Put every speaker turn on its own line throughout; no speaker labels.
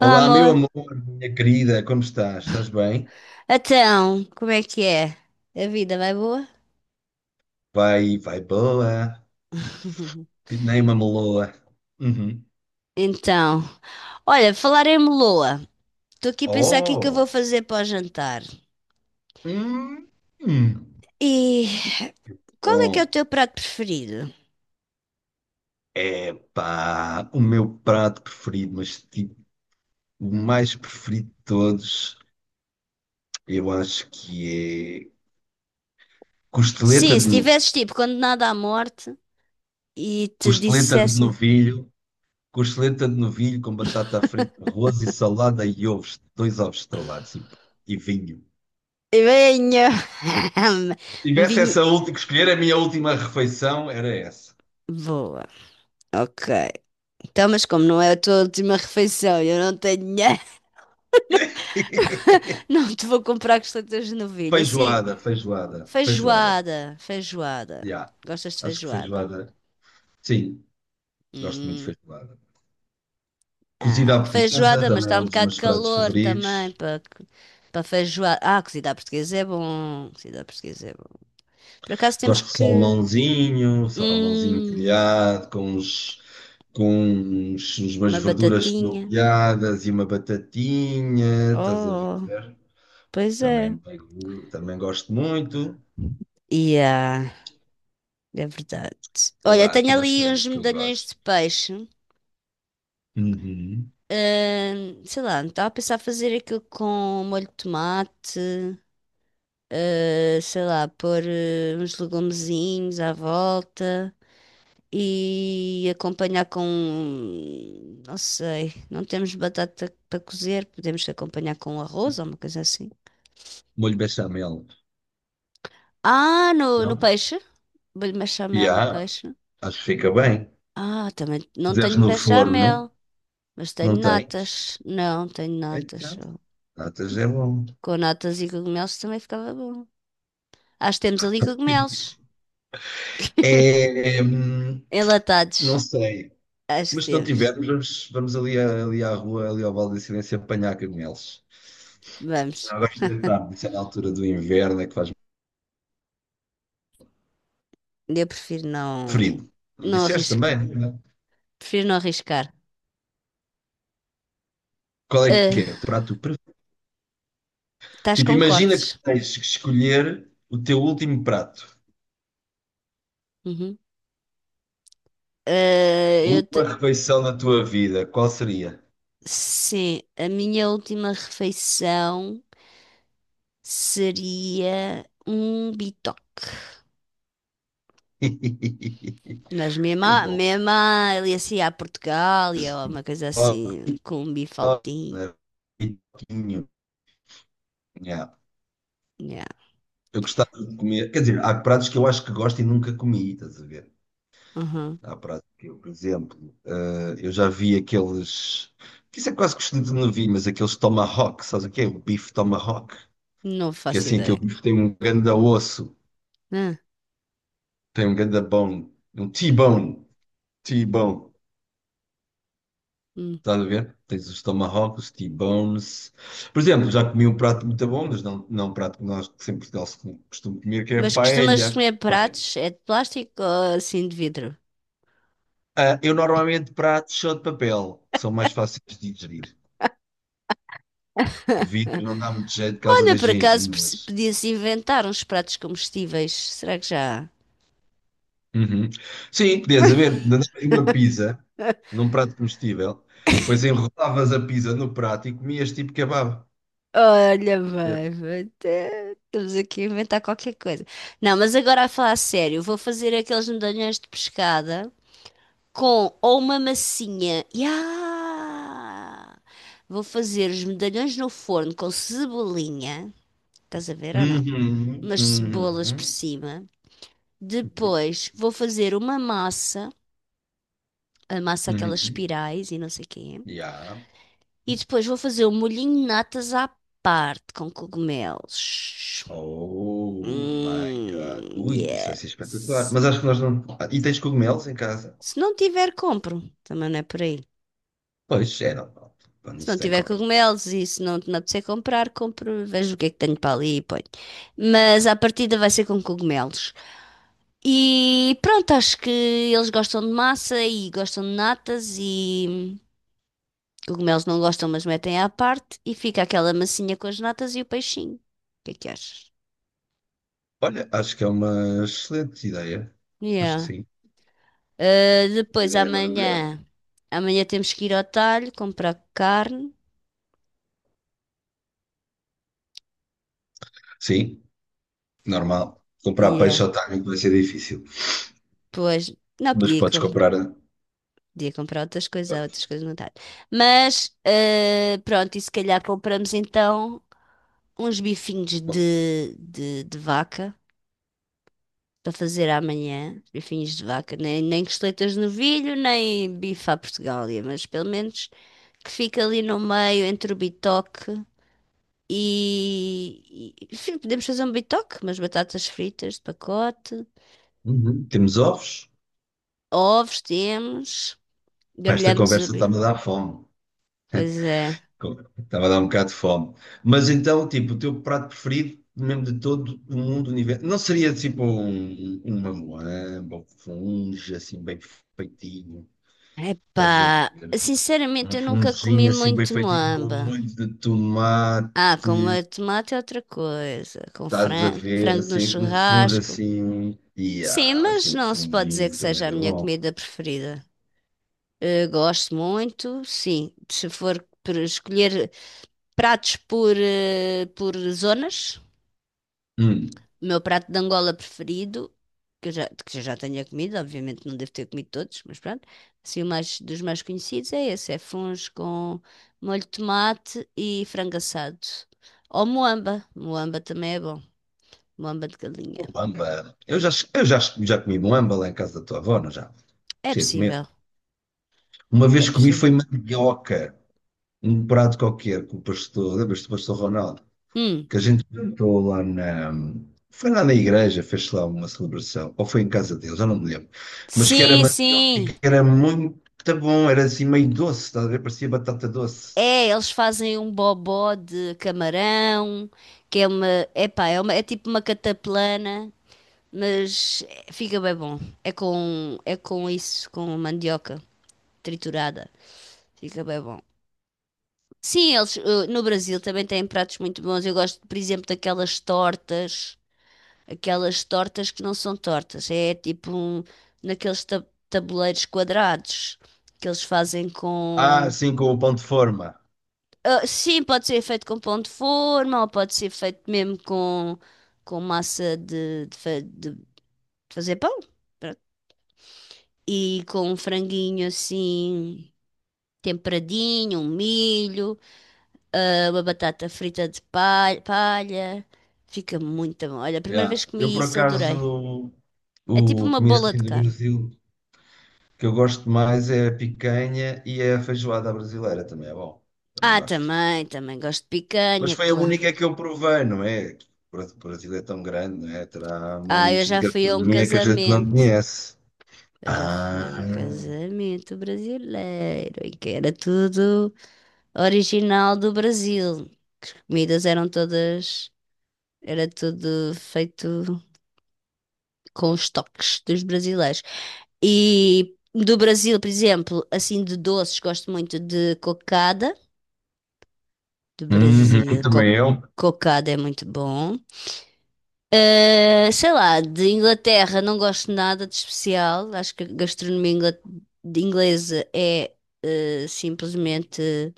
Olá,
Olá, meu
amor.
amor, minha querida, como estás? Estás bem?
Então, como é que é? A vida vai boa?
Vai boa, que nem uma meloa. Uhum.
Então, olha, falar em meloa. Estou aqui a pensar o que é que eu vou
Oh!
fazer para o jantar.
Hum, hum.
E qual é que é o
Bom,
teu prato preferido?
pá, o meu prato preferido, mas tipo, o mais preferido de todos, eu acho que é costeleta
Sim,
de
se
novilho.
tivesses tipo condenado à morte e te
Costeleta de
dissessem
novilho, costeleta de novilho com batata frita, arroz e salada e ovos, dois ovos estrelados e vinho.
venha! Um
Tivesse
vinho.
essa última que escolher, a minha última refeição era essa.
Boa, ok. Então, mas como não é a tua última refeição, eu não tenho dinheiro, não te vou comprar costeletas de novilha. Sim.
Feijoada, feijoada, feijoada.
Feijoada,
Já,
Gostas de
acho que
feijoada?
feijoada. Sim, gosto muito de
Hum,
feijoada. Cozida à portuguesa
feijoada, mas
também
está
é
um
um dos
bocado de
meus pratos
calor também
favoritos.
para feijoada. Ah, cozida à portuguesa é bom. Cozida à portuguesa é bom. Por acaso temos
Gosto de
que
salmãozinho, salmãozinho
hum,
grelhado, com uns, umas
uma
verduras
batatinha.
estopeadas e uma batatinha, estás a ver?
Oh, pois
Também,
é.
também gosto muito.
E é verdade.
Sei
Olha,
lá,
tenho
tem mais
ali uns
coisas que eu
medalhões
gosto.
de peixe.
Uhum.
Sei lá, não estava a pensar fazer aquilo com molho de tomate. Sei lá, pôr uns legumezinhos à volta e acompanhar com não sei, não temos batata para cozer, podemos acompanhar com arroz ou uma coisa assim.
Molho bechamel.
Ah, no
Não?
peixe? Bolho bechamel
E
no
há,
peixe.
acho que fica bem.
Ah, também não
Desde
tenho
no forno,
bechamel, mas tenho
não tens.
natas. Não, tenho natas
Então,
só.
natas é bom.
Com natas e cogumelos também ficava bom. Acho que temos ali cogumelos
É, não
enlatados.
sei.
Acho que
Mas se não
temos.
tivermos, vamos ali, ali à rua, ali ao Vale da Silêncio, apanhar cogumelos.
Vamos.
Não, agora já está. Isso é na altura do inverno, é que faz
Eu prefiro não,
frio. Não
não
disseste
arriscar.
também? Né?
Prefiro não arriscar.
Qual é que
Ah,
é o teu prato preferido?
estás
Tipo,
com
imagina
cortes.
que tens que escolher o teu último prato,
Uhum. Ah,
a última refeição da tua vida. Qual seria?
sim, a minha última refeição seria um bitoque. Mas mesmo,
Que bom.
mesmo ali assim à Portugália ou uma coisa assim, com um bifaltinho.
Né? Pitoquinho. Yeah.
Yeah.
Eu gostava de comer. Quer dizer, há pratos que eu acho que gosto e nunca comi, estás a ver?
Uhum.
Há pratos que eu, por exemplo, eu já vi aqueles. Que isso é quase costume de não vi, mas aqueles tomahawk, sabes o que é? O bife tomahawk.
Não
Que é
faço
assim, aquele
ideia.
bife tem um ganda osso,
Ah,
tem um ganda bone, um T-bone. T-bone.
hum.
Estás a ver? Tens os tomahawks, T-bones. Por exemplo, já comi um prato muito bom, mas não um prato que nós que sempre em Portugal se com- costumo comer, que é a
Mas costumas
paella.
comer
Paella.
pratos? É de plástico ou assim de vidro?
Ah, eu normalmente prato só de papel, que são mais fáceis de digerir. De vidro não dá muito jeito por causa
Olha,
das
por acaso
gengivas.
podia-se inventar uns pratos comestíveis. Será que já há?
Uhum. Sim, podias haver mandavas uma pizza num prato comestível, depois enrolavas a pizza no prato e comias tipo kebab.
Olha, bem, estamos aqui a inventar qualquer coisa. Não, mas agora a falar a sério, vou fazer aqueles medalhões de pescada com ou uma massinha. Ya! Vou fazer os medalhões no forno com cebolinha. Estás a ver ou não?
Uhum,
Umas cebolas por
uhum,
cima.
uhum,
Depois vou fazer uma massa, a massa aquelas
uhum.
espirais e não sei o quê.
Yeah.
E depois vou fazer o molhinho de natas à parte com cogumelos.
Oh my God. Ui, isso vai ser espetacular.
Yes.
Mas acho que nós não. Ah, e tens cogumelos em casa?
Se não tiver, compro. Também não é por aí.
Pois, é normal. Quando não
Se
se
não
tem
tiver
compra.
cogumelos e se não me apetecer comprar, compro, vejo o que é que tenho para ali e ponho. Mas à partida vai ser com cogumelos. E pronto, acho que eles gostam de massa e gostam de natas e cogumelos não gostam, mas metem à parte e fica aquela massinha com as natas e o peixinho. O que é que achas?
Olha, acho que é uma excelente ideia. Acho que
Yeah.
sim.
Ah,
Uma
depois
ideia maravilhosa.
amanhã, temos que ir ao talho comprar carne.
Sim, normal. Comprar
Yeah.
peixe ao timing vai ser difícil.
Pois, não
Mas
podia
podes
comprar.
comprar.
Podia comprar outras coisas, há
Podes.
outras coisas no talho. Mas, ah, pronto, e se calhar compramos então uns bifinhos de vaca para fazer amanhã. Bifinhos de vaca, nem costeletas de novilho, nem bife à Portugália, mas pelo menos que fica ali no meio entre o bitoque. E sim, podemos fazer um bitoque, umas batatas fritas de pacote,
Uhum. Temos ovos?
ovos temos,
Pá, esta
grelhamos o
conversa
bife.
está-me a dar fome.
Pois é.
Estava a dar um bocado de fome. Mas então, tipo, o teu prato preferido, mesmo de todo o mundo, o universo, não seria tipo uma moamba, um funge assim bem feitinho, estás a
Epá,
ver?
sinceramente
Um
eu nunca comi
funginho assim bem
muito
feitinho com
moamba.
molho de tomate,
Ah, com molho de tomate é outra coisa, com
estás a ver?
frango no
Assim, um funge
churrasco.
assim, e
Sim,
ah, assim,
mas
um
não se pode dizer que
funginho também
seja a
era
minha
bom.
comida preferida. Eh, gosto muito, sim. Se for por escolher pratos eh, por zonas,
Hum,
o meu prato de Angola preferido, que eu já tenha comido, obviamente não devo ter comido todos, mas pronto, assim, dos mais conhecidos é esse, é funs com molho de tomate e frango assado. Ou moamba também é bom, moamba de galinha.
moamba. Já comi moamba lá em casa da tua avó, não já?
É
Cheio de medo.
possível,
Uma
é
vez comi
possível.
foi mandioca. Um prato qualquer com o pastor, lembras-te do pastor Ronaldo?
Hum,
Que a gente cantou lá na. Foi lá na igreja, fez lá uma celebração, ou foi em casa deles, eu não me lembro. Mas que era
sim,
mandioca,
sim.
que era muito bom, era assim meio doce, estás a ver? Parecia batata doce.
É, eles fazem um bobó de camarão, que é uma, epá, é é tipo uma cataplana. Mas fica bem bom. É com isso, com mandioca triturada. Fica bem bom. Sim, eles eh, no Brasil também têm pratos muito bons. Eu gosto, por exemplo, daquelas tortas, aquelas tortas que não são tortas, é tipo um, naqueles tabuleiros quadrados que eles fazem
Ah,
com.
sim, com o pão de forma.
Ah, sim, pode ser feito com pão de forma ou pode ser feito mesmo com massa de, fa- de fazer pão. E com um franguinho assim temperadinho, um milho, ah, uma batata frita de palha. Fica muito bom. Olha, a primeira vez
Yeah.
que
Eu,
comi
por
isso, adorei.
acaso,
É tipo
a
uma
comida
bola
assim
de
do
carne.
Brasil que eu gosto mais é a picanha e é a feijoada brasileira, também é bom. Também
Ah,
gosto.
também gosto de
Mas
picanha,
foi a
claro.
única que eu provei, não é? O Brasil é tão grande, não é? Terá
Ah, eu
montes de
já fui a um
gastronomia que a gente não
casamento.
conhece.
Eu já fui a
Ah,
um casamento brasileiro em que era tudo original do Brasil. Comidas eram todas, era tudo feito com os toques dos brasileiros. E do Brasil, por exemplo, assim de doces, gosto muito de cocada. Do
uhum,
Brasil,
também eu.
cocada é muito bom. Eh, sei lá, de Inglaterra não gosto nada de especial. Acho que a gastronomia ingla- de inglesa é eh, simplesmente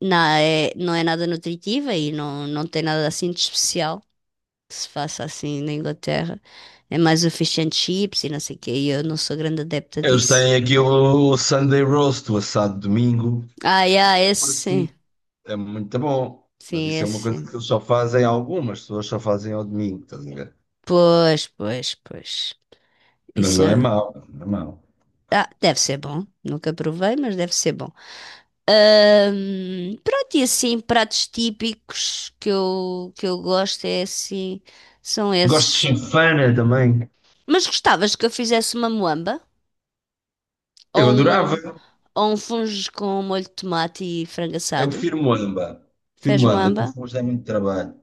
não é nada nutritiva e não tem nada assim de especial que se faça assim na Inglaterra. É mais o fish and chips e não sei o quê. E eu não sou grande adepta
Eles
disso.
têm aqui o Sunday Roast, o assado de domingo.
Ah, yeah, esse sim.
Parecido. É muito bom. Mas
Sim,
isso é uma
esse
coisa que
sim.
eles só fazem, algumas pessoas só fazem ao domingo, estás a ver?
Pois, pois.
Mas
Isso
não é
é-
mau, não é mau.
ah, deve ser bom. Nunca provei, mas deve ser bom. Pronto, e assim, pratos típicos que eu gosto é assim, são
Gosto de
esses.
chifana também.
Mas gostavas que eu fizesse uma moamba?
Eu
Ou
adorava.
um, ou um fungo com molho de tomate e frango
Eu
assado?
prefiro moamba. Prefiro
Fez
moamba, que o
moamba?
fumo dá muito trabalho.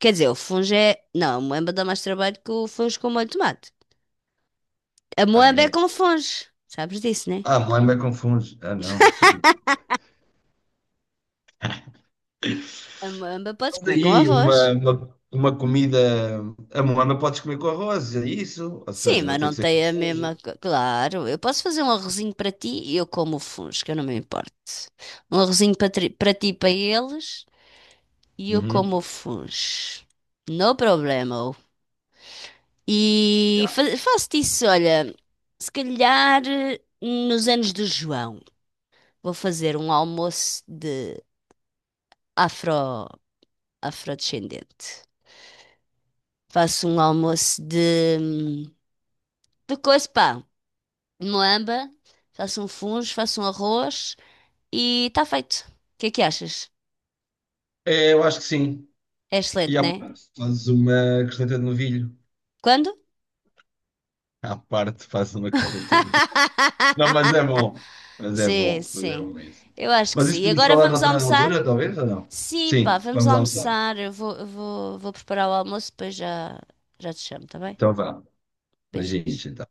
Quer dizer, o funge é. Não, a moamba dá mais trabalho que o funge com molho de tomate. A
Ah,
moamba é
é?
com funge. Sabes disso, né?
Ah, moamba com fungos. Ah, não, não sabia.
A moamba podes
Mas
comer com
aí,
arroz.
uma comida. A moamba podes comer com arroz, é isso? Ou
Sim,
seja, não
mas
tem
não
que ser com
tem a
fungo.
mesma. Co- Claro, eu posso fazer um arrozinho para ti e eu como o funge, que eu não me importo. Um arrozinho para ti e para eles e eu como
Uhum.
o funge. No problema. E
Já.
faço-te isso, olha. Se calhar eh, nos anos do João, vou fazer um almoço de afro. Afrodescendente. Faço um almoço de coisa, pá, moamba, faço um fungo, faço um arroz e está feito. O que é que achas?
É, eu acho que sim.
É
E
excelente,
à
né?
parte, fazes uma costeleta de novilho.
Quando?
À parte, fazes uma costeleta de novilho. Não, mas é bom. Mas é
Sim,
bom. Mas é
sim.
bom mesmo.
Eu acho que
Mas
sim.
isso
E
podemos
agora
falar
vamos
noutra
almoçar?
altura, talvez, ou não?
Sim, pá,
Sim,
vamos
vamos almoçar.
almoçar. Eu vou, vou preparar o almoço, depois já, já te chamo, tá bem?
Então vá.
Beijinhos.
Beijinhos, então.